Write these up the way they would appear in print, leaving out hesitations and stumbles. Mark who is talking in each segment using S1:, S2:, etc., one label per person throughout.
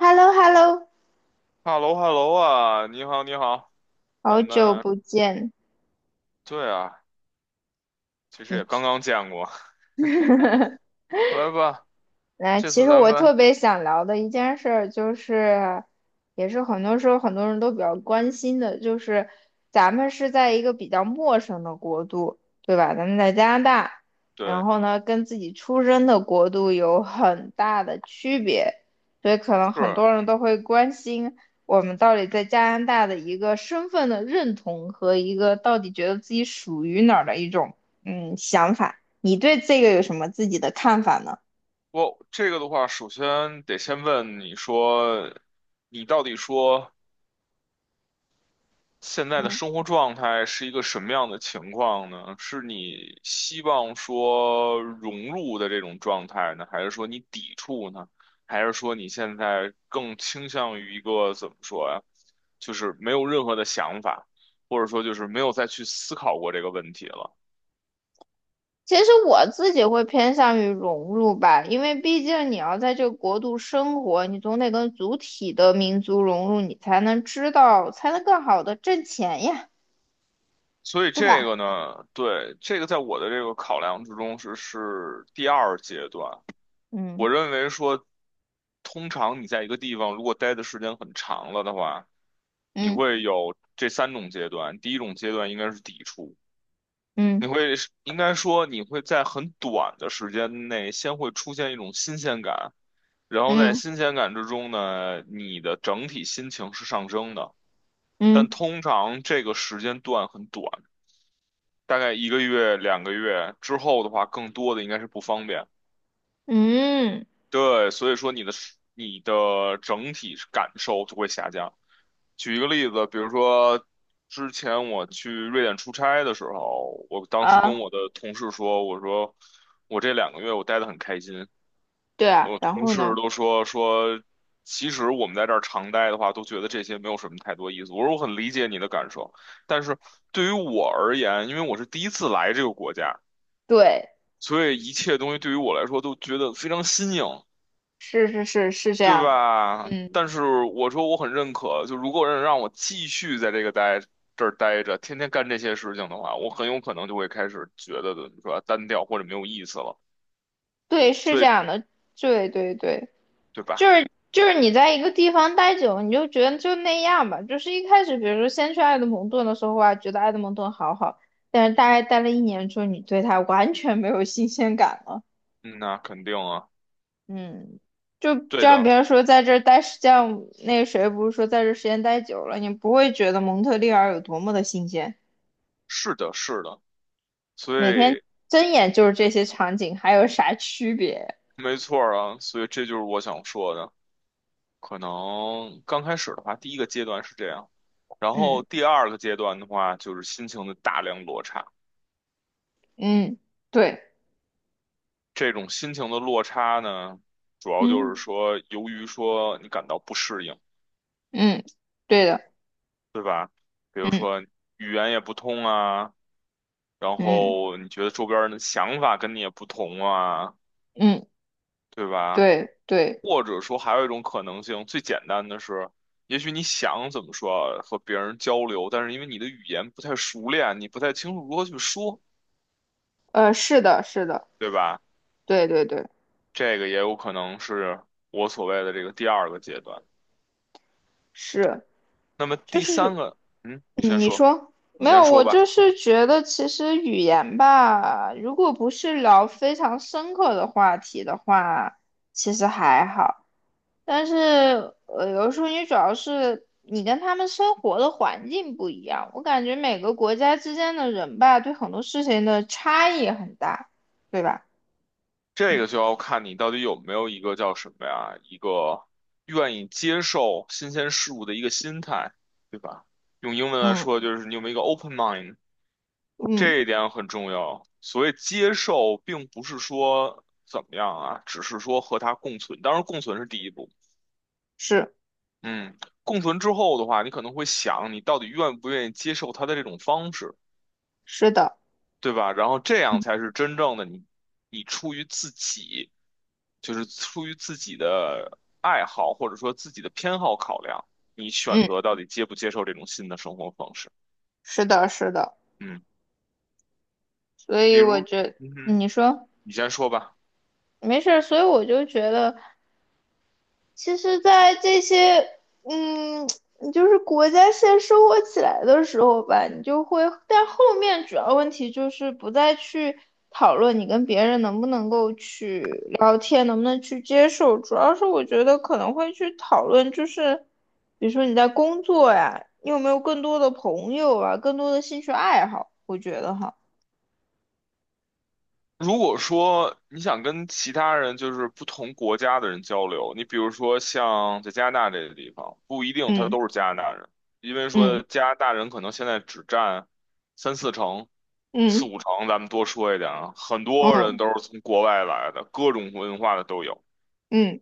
S1: h e l l o h e l l o
S2: 哈喽哈喽啊，你好你好，
S1: 好
S2: 咱
S1: 久
S2: 们
S1: 不见，
S2: 对啊，其实
S1: 你
S2: 也刚刚见过。来吧。
S1: 来。
S2: 这
S1: 其
S2: 次
S1: 实
S2: 咱
S1: 我
S2: 们
S1: 特别想聊的一件事儿，就是，也是很多时候很多人都比较关心的，就是咱们是在一个比较陌生的国度，对吧？咱们在加拿大，然
S2: 对。
S1: 后呢，跟自己出生的国度有很大的区别。所以可能很
S2: 是
S1: 多人都会关心我们到底在加拿大的一个身份的认同和一个到底觉得自己属于哪儿的一种想法。你对这个有什么自己的看法呢？
S2: 我这个的话，首先得先问你说，你到底说现在的生活状态是一个什么样的情况呢？是你希望说融入的这种状态呢，还是说你抵触呢？还是说你现在更倾向于一个怎么说呀？就是没有任何的想法，或者说就是没有再去思考过这个问题了。
S1: 其实我自己会偏向于融入吧，因为毕竟你要在这个国度生活，你总得跟主体的民族融入，你才能知道，才能更好的挣钱呀，
S2: 所以
S1: 对
S2: 这
S1: 吧？
S2: 个呢，对，这个在我的这个考量之中是第二阶段。
S1: 嗯
S2: 我认为说，通常你在一个地方如果待的时间很长了的话，你
S1: 嗯
S2: 会有这3种阶段。第一种阶段应该是抵触，
S1: 嗯
S2: 你会应该说你会在很短的时间内先会出现一种新鲜感，然后在
S1: 嗯
S2: 新鲜感之中呢，你的整体心情是上升的。但
S1: 嗯
S2: 通常这个时间段很短，大概一个月、两个月之后的话，更多的应该是不方便。
S1: 嗯
S2: 对，所以说你的整体感受就会下降。举一个例子，比如说之前我去瑞典出差的时候，我当时
S1: 啊，
S2: 跟我的同事说，我说我这两个月我待得很开心，
S1: 对啊，
S2: 我
S1: 然
S2: 同
S1: 后
S2: 事
S1: 呢？
S2: 都说，其实我们在这儿常待的话，都觉得这些没有什么太多意思。我说我很理解你的感受，但是对于我而言，因为我是第一次来这个国家，
S1: 对，
S2: 所以一切东西对于我来说都觉得非常新颖。
S1: 是是是是这
S2: 对
S1: 样的，
S2: 吧？
S1: 嗯，
S2: 但是我说我很认可，就如果让我继续在这个待这儿待着，天天干这些事情的话，我很有可能就会开始觉得的是吧，单调或者没有意思了。
S1: 对，是
S2: 所
S1: 这
S2: 以，
S1: 样的，对对对。
S2: 对
S1: 就
S2: 吧？
S1: 是就是你在一个地方待久，你就觉得就那样吧。就是一开始，比如说先去埃德蒙顿的时候啊，觉得埃德蒙顿好好，但是大概待了一年之后，你对它完全没有新鲜感了。
S2: 嗯，那肯定啊，
S1: 嗯，就
S2: 对
S1: 像
S2: 的，
S1: 别人说在这儿待时间，那个谁不是说在这儿时间待久了，你不会觉得蒙特利尔有多么的新鲜，
S2: 是的，是的。所
S1: 每天
S2: 以，
S1: 睁眼就是这些场景，还有啥区别？
S2: 没错儿啊，所以这就是我想说的。可能刚开始的话，第一个阶段是这样，然后
S1: 嗯
S2: 第二个阶段的话，就是心情的大量落差。
S1: 嗯，对，
S2: 这种心情的落差呢，主要就是
S1: 嗯
S2: 说，由于说你感到不适应，
S1: 嗯，对的，
S2: 比如
S1: 嗯
S2: 说语言也不通啊，然
S1: 嗯
S2: 后你觉得周边人的想法跟你也不同啊，
S1: 嗯。
S2: 对吧？
S1: 对对，
S2: 或者说还有一种可能性，最简单的是，也许你想怎么说和别人交流，但是因为你的语言不太熟练，你不太清楚如何去说，
S1: 是的，是的，
S2: 对吧？
S1: 对对对，
S2: 这个也有可能是我所谓的这个第二个阶段。
S1: 是，
S2: 那么
S1: 就
S2: 第三
S1: 是
S2: 个，嗯，
S1: 说
S2: 你
S1: 没
S2: 先
S1: 有，
S2: 说
S1: 我
S2: 吧。
S1: 就是觉得其实语言吧，如果不是聊非常深刻的话题的话，其实还好。但是有时候你主要是你跟他们生活的环境不一样，我感觉每个国家之间的人吧，对很多事情的差异很大，对吧？
S2: 这个就
S1: 嗯
S2: 要看你到底有没有一个叫什么呀，一个愿意接受新鲜事物的一个心态，对吧？用英文来
S1: 嗯
S2: 说，就是你有没有一个 open mind,
S1: 嗯，
S2: 这一点很重要。所谓接受，并不是说怎么样啊，只是说和它共存。当然，共存是第一步。
S1: 是
S2: 嗯，共存之后的话，你可能会想，你到底愿不愿意接受它的这种方式？
S1: 是的，
S2: 对吧？然后这样
S1: 嗯。
S2: 才是真正的你，你出于自己，就是出于自己的爱好或者说自己的偏好考量，你选择
S1: 嗯。
S2: 到底接不接受这种新的生活方式。
S1: 是的，是的，
S2: 嗯，
S1: 所以
S2: 比
S1: 我
S2: 如，
S1: 觉
S2: 嗯哼，
S1: 你说
S2: 你先说吧。
S1: 没事儿，所以我就觉得，其实，在这些，嗯，就是国家先生活起来的时候吧，你就会，但后面主要问题就是不再去讨论你跟别人能不能够去聊天，能不能去接受，主要是我觉得可能会去讨论，就是比如说你在工作呀，你有没有更多的朋友啊，更多的兴趣爱好，我觉得哈，
S2: 如果说你想跟其他人，就是不同国家的人交流，你比如说像在加拿大这个地方，不一定他
S1: 嗯
S2: 都是加拿大人，因为
S1: 嗯
S2: 说加拿大人可能现在只占三四成、四
S1: 嗯。
S2: 五成，咱们多说一点啊，很多人
S1: 嗯
S2: 都是从国外来的，各种文化的都有。
S1: 嗯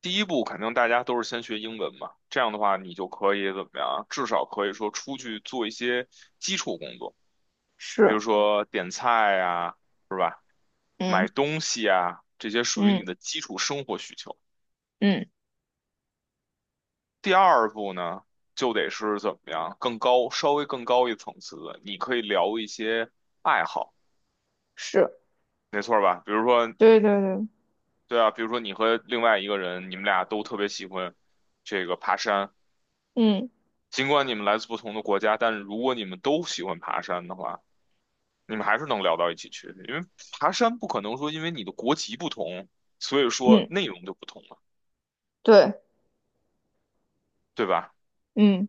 S2: 第一步肯定大家都是先学英文嘛，这样的话你就可以怎么样啊至少可以说出去做一些基础工作，比如
S1: 是，
S2: 说点菜呀、是吧？买
S1: 嗯
S2: 东西啊，这些属于你
S1: 嗯
S2: 的基础生活需求。
S1: 嗯
S2: 第二步呢，就得是怎么样，更高，稍微更高一层次的，你可以聊一些爱好，
S1: 是，
S2: 没错吧？比如说，
S1: 对对对，
S2: 对啊，比如说你和另外一个人，你们俩都特别喜欢这个爬山，
S1: 嗯
S2: 尽管你们来自不同的国家，但是如果你们都喜欢爬山的话，你们还是能聊到一起去，因为爬山不可能说因为你的国籍不同，所以说
S1: 嗯
S2: 内容就不同了，
S1: 对，
S2: 对吧？
S1: 嗯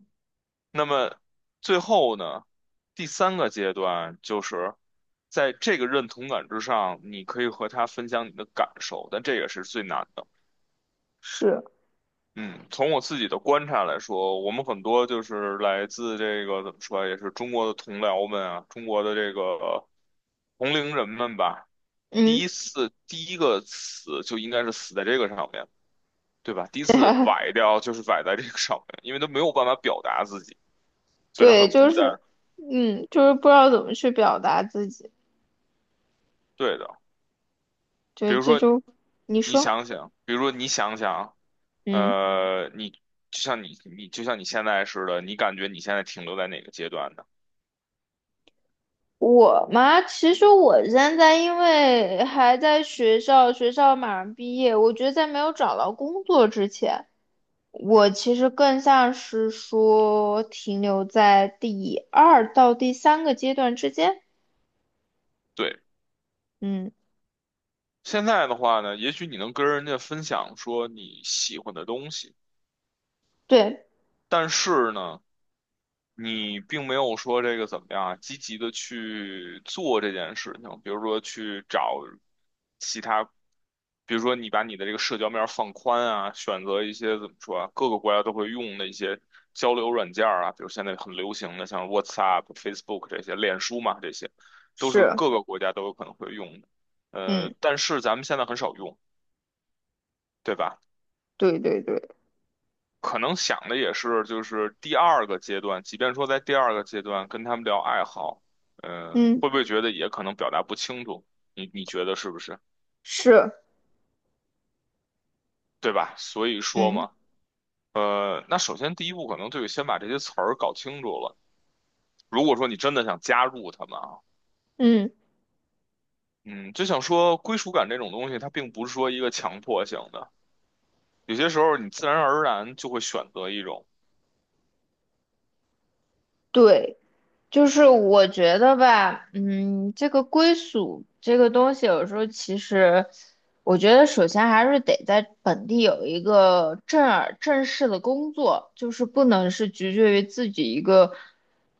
S2: 那么最后呢，第三个阶段就是在这个认同感之上，你可以和他分享你的感受，但这也是最难的。
S1: 是，
S2: 嗯，从我自己的观察来说，我们很多就是来自这个怎么说啊，也是中国的同僚们啊，中国的这个同龄人们吧。
S1: 嗯
S2: 第一个死就应该是死在这个上面，对吧？第一次崴掉就是崴在这个上面，因为他没有办法表达自己，所以他
S1: 对，
S2: 很孤
S1: 就
S2: 单。
S1: 是嗯就是不知道怎么去表达自己，
S2: 对的，比
S1: 对，
S2: 如
S1: 这
S2: 说
S1: 就你说，
S2: 比如说你想想，
S1: 嗯。
S2: 呃，你就像你你就像你现在似的，你感觉你现在停留在哪个阶段呢？
S1: 我嘛，其实我现在因为还在学校，学校马上毕业，我觉得在没有找到工作之前，我其实更像是说停留在第二到第三个阶段之间。
S2: 对，
S1: 嗯，
S2: 现在的话呢，也许你能跟人家分享说你喜欢的东西，
S1: 对，
S2: 但是呢。你并没有说这个怎么样啊，积极的去做这件事情，比如说去找其他，比如说你把你的这个社交面儿放宽啊，选择一些怎么说啊，各个国家都会用的一些交流软件儿啊，比如现在很流行的像 WhatsApp、Facebook 这些，脸书嘛，这些都是
S1: 是，
S2: 各个国家都有可能会用的，
S1: 嗯，
S2: 但是咱们现在很少用，对吧？
S1: 对对对，
S2: 可能想的也是，就是第二个阶段，即便说在第二个阶段跟他们聊爱好，嗯，
S1: 嗯，
S2: 会不会觉得也可能表达不清楚？你觉得是不是？
S1: 是，
S2: 对吧？所以说
S1: 嗯
S2: 嘛，那首先第一步可能就得先把这些词儿搞清楚了。如果说你真的想加入他们啊，
S1: 嗯。
S2: 嗯，就想说归属感这种东西，它并不是说一个强迫性的，有些时候你自然而然就会选择一种
S1: 对，就是我觉得吧，嗯，这个归属这个东西，有时候其实，我觉得首先还是得在本地有一个正儿正式的工作，就是不能是局限于自己一个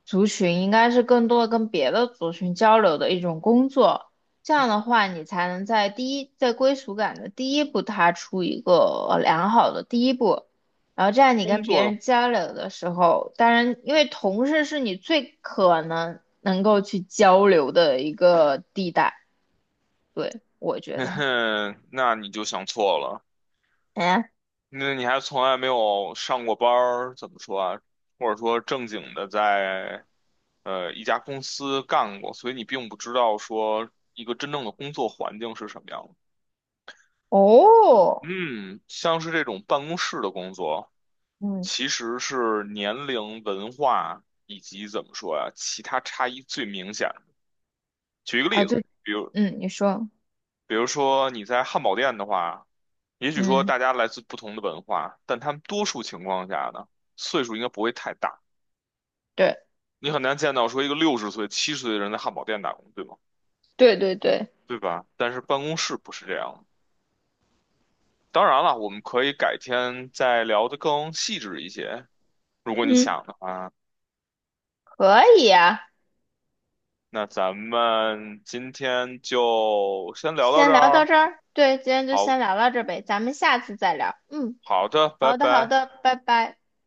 S1: 族群，应该是更多的跟别的族群交流的一种工作。这样的话，你才能在第一，在归属感的第一步踏出一个良好的第一步。然后这样你
S2: 工
S1: 跟别
S2: 作，
S1: 人交流的时候，当然，因为同事是你最可能能够去交流的一个地带，对，我 觉
S2: 嘿
S1: 得哈。
S2: 嘿，那你就想错了。
S1: 哎，
S2: 那你还从来没有上过班儿，怎么说啊？或者说正经的在一家公司干过，所以你并不知道说一个真正的工作环境是什么样的。
S1: 哦，
S2: 嗯，像是这种办公室的工作，
S1: 嗯，
S2: 其实是年龄、文化以及怎么说呀、其他差异最明显。举一个
S1: 啊，
S2: 例子，
S1: 就，
S2: 比如
S1: 嗯，你说，
S2: 比如说你在汉堡店的话，也许说
S1: 嗯，
S2: 大家来自不同的文化，但他们多数情况下呢，岁数应该不会太大。
S1: 对，
S2: 你很难见到说一个60岁、70岁的人在汉堡店打工，对吗？
S1: 对对对，
S2: 对吧？但是办公室不是这样的。当然了，我们可以改天再聊得更细致一些，如果你
S1: 嗯，
S2: 想的话。
S1: 可以呀，
S2: 那咱们今天就先聊到这
S1: 先聊
S2: 儿
S1: 到
S2: 哦。
S1: 这儿，对，今天就先
S2: 好
S1: 聊到这儿呗，咱们下次再聊，嗯，
S2: 好的，拜
S1: 好的好
S2: 拜。
S1: 的，拜拜。